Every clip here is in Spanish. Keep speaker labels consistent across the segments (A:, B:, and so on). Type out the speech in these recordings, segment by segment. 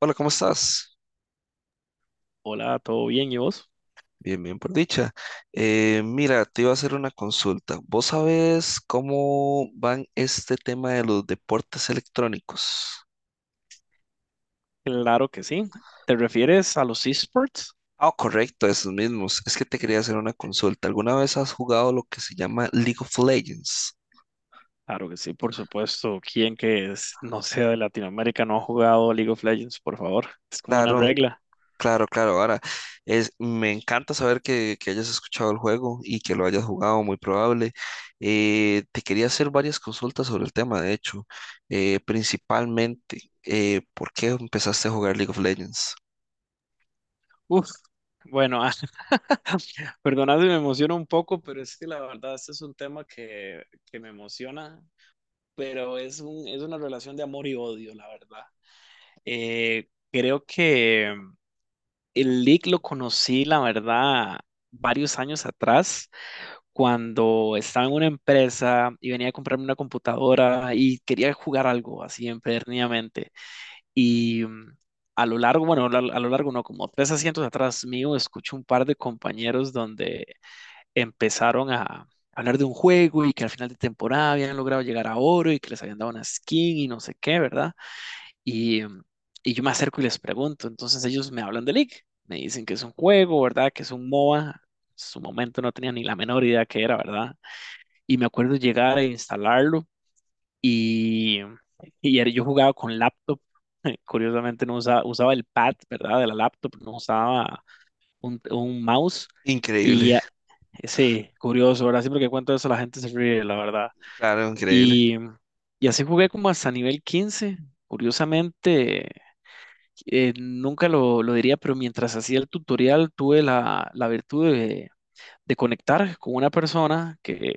A: Hola, ¿cómo estás?
B: Hola, ¿todo bien? ¿Y vos?
A: Bien, bien, por dicha. Mira, te iba a hacer una consulta. ¿Vos sabés cómo van este tema de los deportes electrónicos?
B: Claro que sí. ¿Te refieres a los esports?
A: Ah, correcto, esos mismos. Es que te quería hacer una consulta. ¿Alguna vez has jugado lo que se llama League of Legends?
B: Claro que sí, por supuesto. ¿Quién no sea de Latinoamérica no ha jugado League of Legends, por favor? Es como una
A: Claro,
B: regla.
A: claro, claro, ahora me encanta saber que hayas escuchado el juego y que lo hayas jugado, muy probable. Te quería hacer varias consultas sobre el tema, de hecho. Principalmente, ¿por qué empezaste a jugar League of Legends?
B: Uf. Bueno, perdonad si me emociono un poco, pero es que la verdad este es un tema que me emociona, pero es es una relación de amor y odio, la verdad. Creo que el League lo conocí, la verdad, varios años atrás cuando estaba en una empresa y venía a comprarme una computadora y quería jugar algo así empederniamente. Y a lo largo, bueno, a lo largo no, como tres asientos atrás mío, escucho un par de compañeros donde empezaron a hablar de un juego y que al final de temporada habían logrado llegar a oro y que les habían dado una skin y no sé qué, ¿verdad? Y, mm, y yo me acerco y les pregunto, entonces ellos me hablan de League, me dicen que es un juego, ¿verdad? Que es un MOBA. En su momento no tenía ni la menor idea que era, ¿verdad? Y me acuerdo llegar a instalarlo y, yo jugaba con laptop. Curiosamente no usaba, usaba el pad, ¿verdad? De la laptop, no usaba un mouse.
A: Increíble.
B: Y sí, curioso, ¿verdad? Siempre que cuento eso la gente se ríe, la verdad.
A: Claro, increíble.
B: Y, y así jugué como hasta nivel 15. Curiosamente, nunca lo diría, pero mientras hacía el tutorial tuve la virtud de conectar con una persona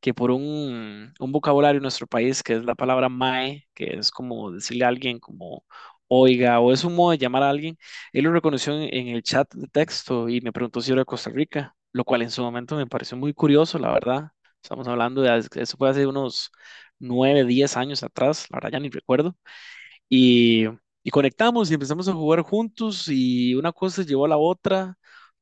B: que por un vocabulario en nuestro país, que es la palabra mae, que es como decirle a alguien como oiga, o es un modo de llamar a alguien, él lo reconoció en el chat de texto y me preguntó si era de Costa Rica, lo cual en su momento me pareció muy curioso, la verdad. Estamos hablando de, eso fue hace unos 9, 10 años atrás, la verdad ya ni recuerdo. Y, y conectamos y empezamos a jugar juntos y una cosa llevó a la otra.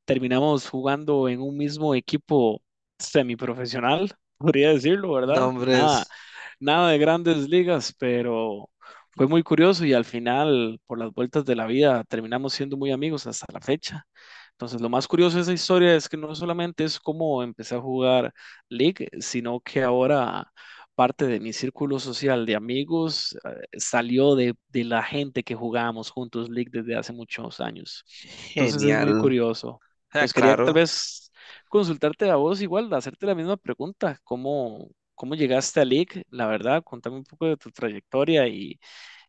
B: Terminamos jugando en un mismo equipo semiprofesional, podría decirlo, ¿verdad? Nada,
A: Nombres.
B: nada de grandes ligas, pero fue muy curioso y al final, por las vueltas de la vida, terminamos siendo muy amigos hasta la fecha. Entonces, lo más curioso de esa historia es que no solamente es cómo empecé a jugar League, sino que ahora parte de mi círculo social de amigos salió de la gente que jugábamos juntos League desde hace muchos años. Entonces es muy
A: Genial.
B: curioso.
A: Ah,
B: Pues quería tal
A: claro.
B: vez consultarte a vos igual, hacerte la misma pregunta, cómo llegaste a League? La verdad, contame un poco de tu trayectoria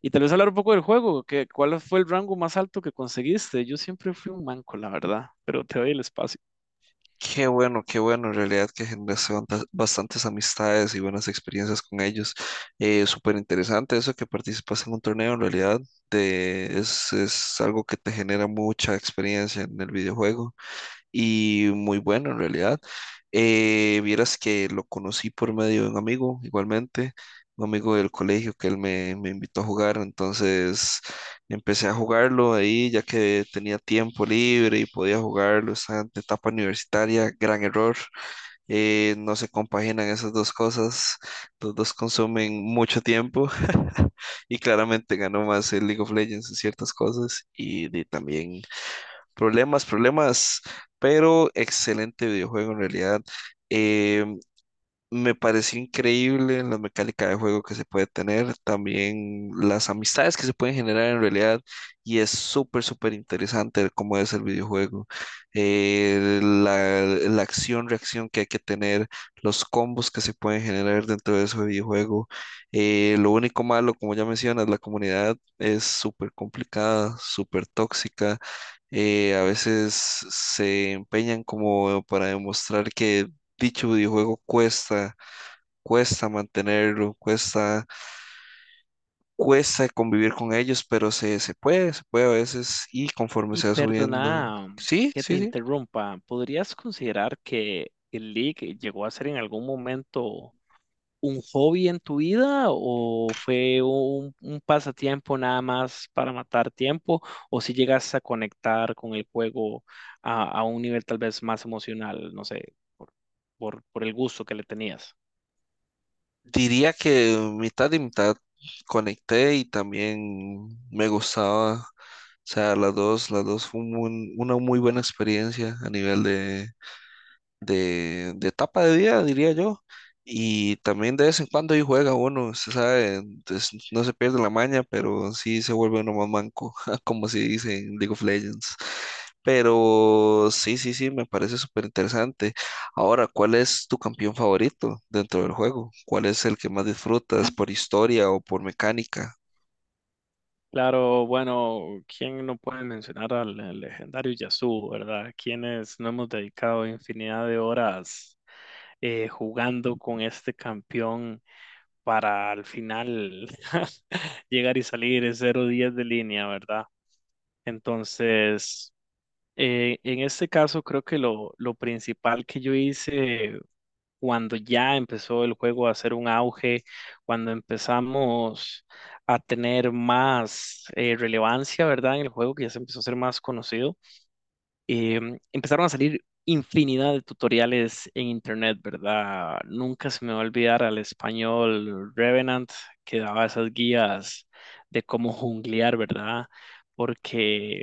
B: y tal vez hablar un poco del juego, que, ¿cuál fue el rango más alto que conseguiste? Yo siempre fui un manco, la verdad, pero te doy el espacio.
A: Qué bueno, en realidad que generaste bastantes amistades y buenas experiencias con ellos. Súper interesante eso que participas en un torneo, en realidad es algo que te genera mucha experiencia en el videojuego y muy bueno en realidad. Vieras que lo conocí por medio de un amigo, igualmente, un amigo del colegio que él me invitó a jugar, entonces empecé a jugarlo ahí ya que tenía tiempo libre y podía jugarlo, estaba en etapa universitaria, gran error, no se compaginan esas dos cosas, los dos consumen mucho tiempo. Y claramente ganó más el League of Legends en ciertas cosas también problemas, problemas, pero excelente videojuego en realidad. Eh, Me pareció increíble la mecánica de juego que se puede tener, también las amistades que se pueden generar en realidad, y es súper, súper interesante cómo es el videojuego, eh, la, la acción, reacción que hay que tener, los combos que se pueden generar dentro de ese videojuego. Lo único malo, como ya mencionas, la comunidad es súper complicada, súper tóxica. A veces se empeñan como para demostrar que dicho videojuego cuesta mantenerlo, cuesta convivir con ellos, pero se puede a veces y conforme
B: Y
A: se va subiendo.
B: perdona
A: Sí,
B: que te
A: sí, sí.
B: interrumpa, ¿podrías considerar que el League llegó a ser en algún momento un hobby en tu vida o fue un pasatiempo nada más para matar tiempo o si llegas a conectar con el juego a un nivel tal vez más emocional, no sé, por el gusto que le tenías?
A: Diría que mitad y mitad, conecté y también me gustaba. O sea, las dos fue una muy buena experiencia a nivel de etapa de vida, diría yo. Y también de vez en cuando ahí juega uno, se sabe, entonces no se pierde la maña, pero sí se vuelve uno más manco, como se dice en League of Legends. Pero sí, sí, sí, me parece súper interesante. Ahora, ¿cuál es tu campeón favorito dentro del juego? ¿Cuál es el que más disfrutas por historia o por mecánica?
B: Claro, bueno, ¿quién no puede mencionar al legendario Yasuo, verdad? Quienes no hemos dedicado infinidad de horas jugando con este campeón para al final llegar y salir en 0-10 de línea, ¿verdad? Entonces, en este caso creo que lo principal que yo hice cuando ya empezó el juego a hacer un auge, cuando empezamos a tener más relevancia, ¿verdad? En el juego que ya se empezó a ser más conocido, empezaron a salir infinidad de tutoriales en internet, ¿verdad? Nunca se me va a olvidar al español Revenant que daba esas guías de cómo junglear, ¿verdad? Porque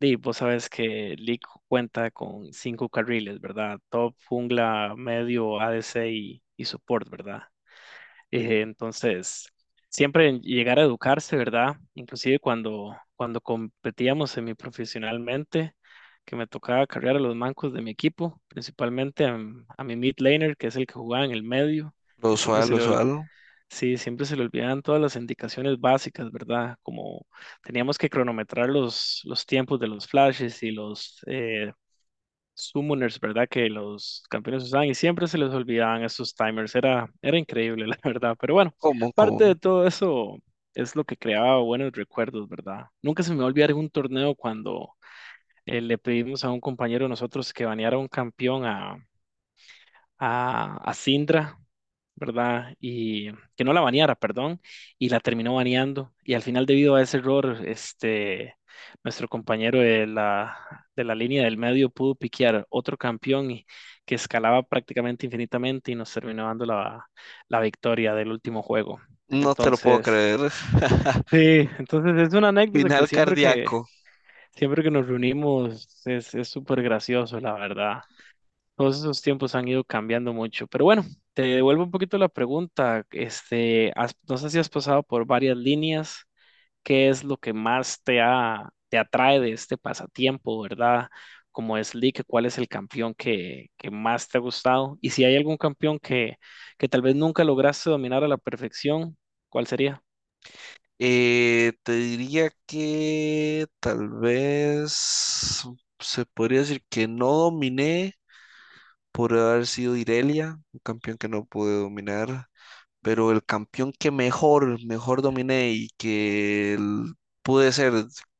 B: y vos sabes que League cuenta con 5 carriles, ¿verdad? Top, jungla, medio, ADC y support, ¿verdad? Entonces, siempre en llegar a educarse, ¿verdad? Inclusive cuando competíamos semiprofesionalmente, que me tocaba cargar a los mancos de mi equipo, principalmente a mi mid laner, que es el que jugaba en el medio,
A: Lo
B: que siempre
A: usual,
B: se
A: lo
B: le,
A: usual.
B: Sí, siempre se le olvidan todas las indicaciones básicas, ¿verdad? Como teníamos que cronometrar los tiempos de los flashes y los summoners, ¿verdad? Que los campeones usaban y siempre se les olvidaban esos timers. Era increíble, la verdad. Pero bueno,
A: ¿Cómo? ¿Cómo?
B: parte de todo eso es lo que creaba buenos recuerdos, ¿verdad? Nunca se me va a olvidar un torneo cuando le pedimos a un compañero de nosotros que baneara a un campeón a Syndra, ¿verdad? Y que no la baneara, perdón, y la terminó baneando. Y al final, debido a ese error, este, nuestro compañero de la línea del medio pudo piquear otro campeón que escalaba prácticamente infinitamente y nos terminó dando la, la victoria del último juego.
A: No te lo puedo
B: Entonces,
A: creer.
B: sí, entonces es una anécdota que
A: Final cardíaco.
B: siempre que nos reunimos es súper gracioso, la verdad. Todos esos tiempos han ido cambiando mucho. Pero bueno, te devuelvo un poquito la pregunta. Este, no sé si has pasado por varias líneas. ¿Qué es lo que más te atrae de este pasatiempo, verdad? Como es League, ¿cuál es el campeón que más te ha gustado? Y si hay algún campeón que tal vez nunca lograste dominar a la perfección, ¿cuál sería?
A: Te diría que tal vez se podría decir que no dominé, por haber sido Irelia, un campeón que no pude dominar, pero el campeón que mejor, mejor dominé y que pude ser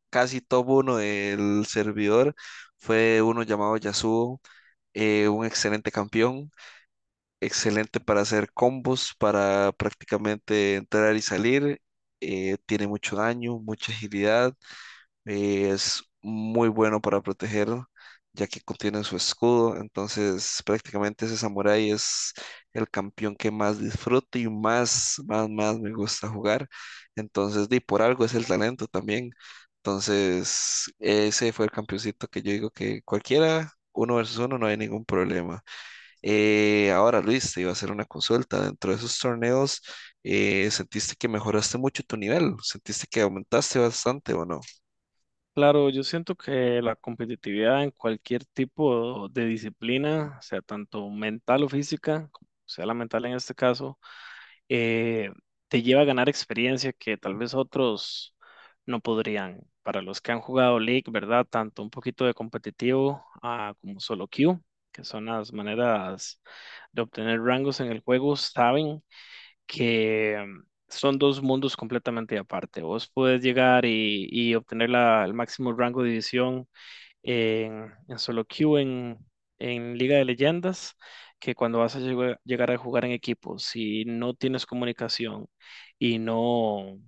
A: casi top uno del servidor fue uno llamado Yasuo. Un excelente campeón, excelente para hacer combos, para prácticamente entrar y salir. Tiene mucho daño, mucha agilidad. Es muy bueno para proteger, ya que contiene su escudo. Entonces, prácticamente ese samurái es el campeón que más disfruto y más, más, más me gusta jugar. Entonces, di, por algo es el talento también. Entonces, ese fue el campeoncito que yo digo que cualquiera, uno versus uno, no hay ningún problema. Ahora, Luis, te iba a hacer una consulta. Dentro de esos torneos, ¿sentiste que mejoraste mucho tu nivel? ¿Sentiste que aumentaste bastante o no?
B: Claro, yo siento que la competitividad en cualquier tipo de disciplina, sea tanto mental o física, como sea la mental en este caso, eh, te lleva a ganar experiencia que tal vez otros no podrían. Para los que han jugado League, ¿verdad? Tanto un poquito de competitivo como solo queue, que son las maneras de obtener rangos en el juego, saben que son dos mundos completamente aparte. Vos podés llegar y obtener el máximo rango de división en solo queue, en Liga de Leyendas, que cuando vas a llegar, llegar a jugar en equipo, si no tienes comunicación y no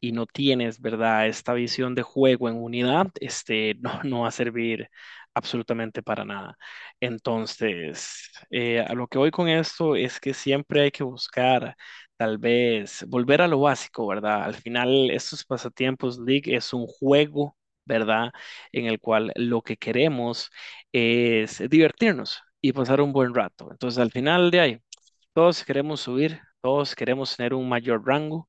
B: y no tienes, ¿verdad? Esta visión de juego en unidad, este, no, no va a servir absolutamente para nada. Entonces, a lo que voy con esto es que siempre hay que buscar, tal vez, volver a lo básico, ¿verdad? Al final, estos pasatiempos League es un juego. ¿Verdad? En el cual lo que queremos es divertirnos y pasar un buen rato. Entonces, al final de ahí, todos queremos subir, todos queremos tener un mayor rango,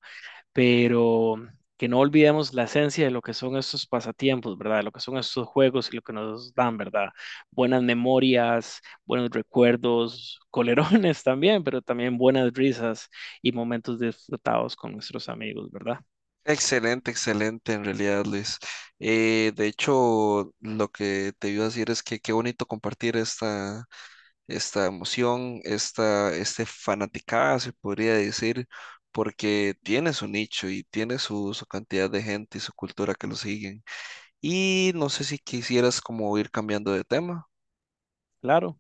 B: pero que no olvidemos la esencia de lo que son estos pasatiempos, ¿verdad? De lo que son estos juegos y lo que nos dan, ¿verdad? Buenas memorias, buenos recuerdos, colerones también, pero también buenas risas y momentos disfrutados con nuestros amigos, ¿verdad?
A: Excelente, excelente, en realidad, Luis. De hecho, lo que te iba a decir es que qué bonito compartir esta emoción, este fanaticada, se podría decir, porque tiene su nicho y tiene su cantidad de gente y su cultura que lo siguen. Y no sé si quisieras como ir cambiando de tema.
B: Claro.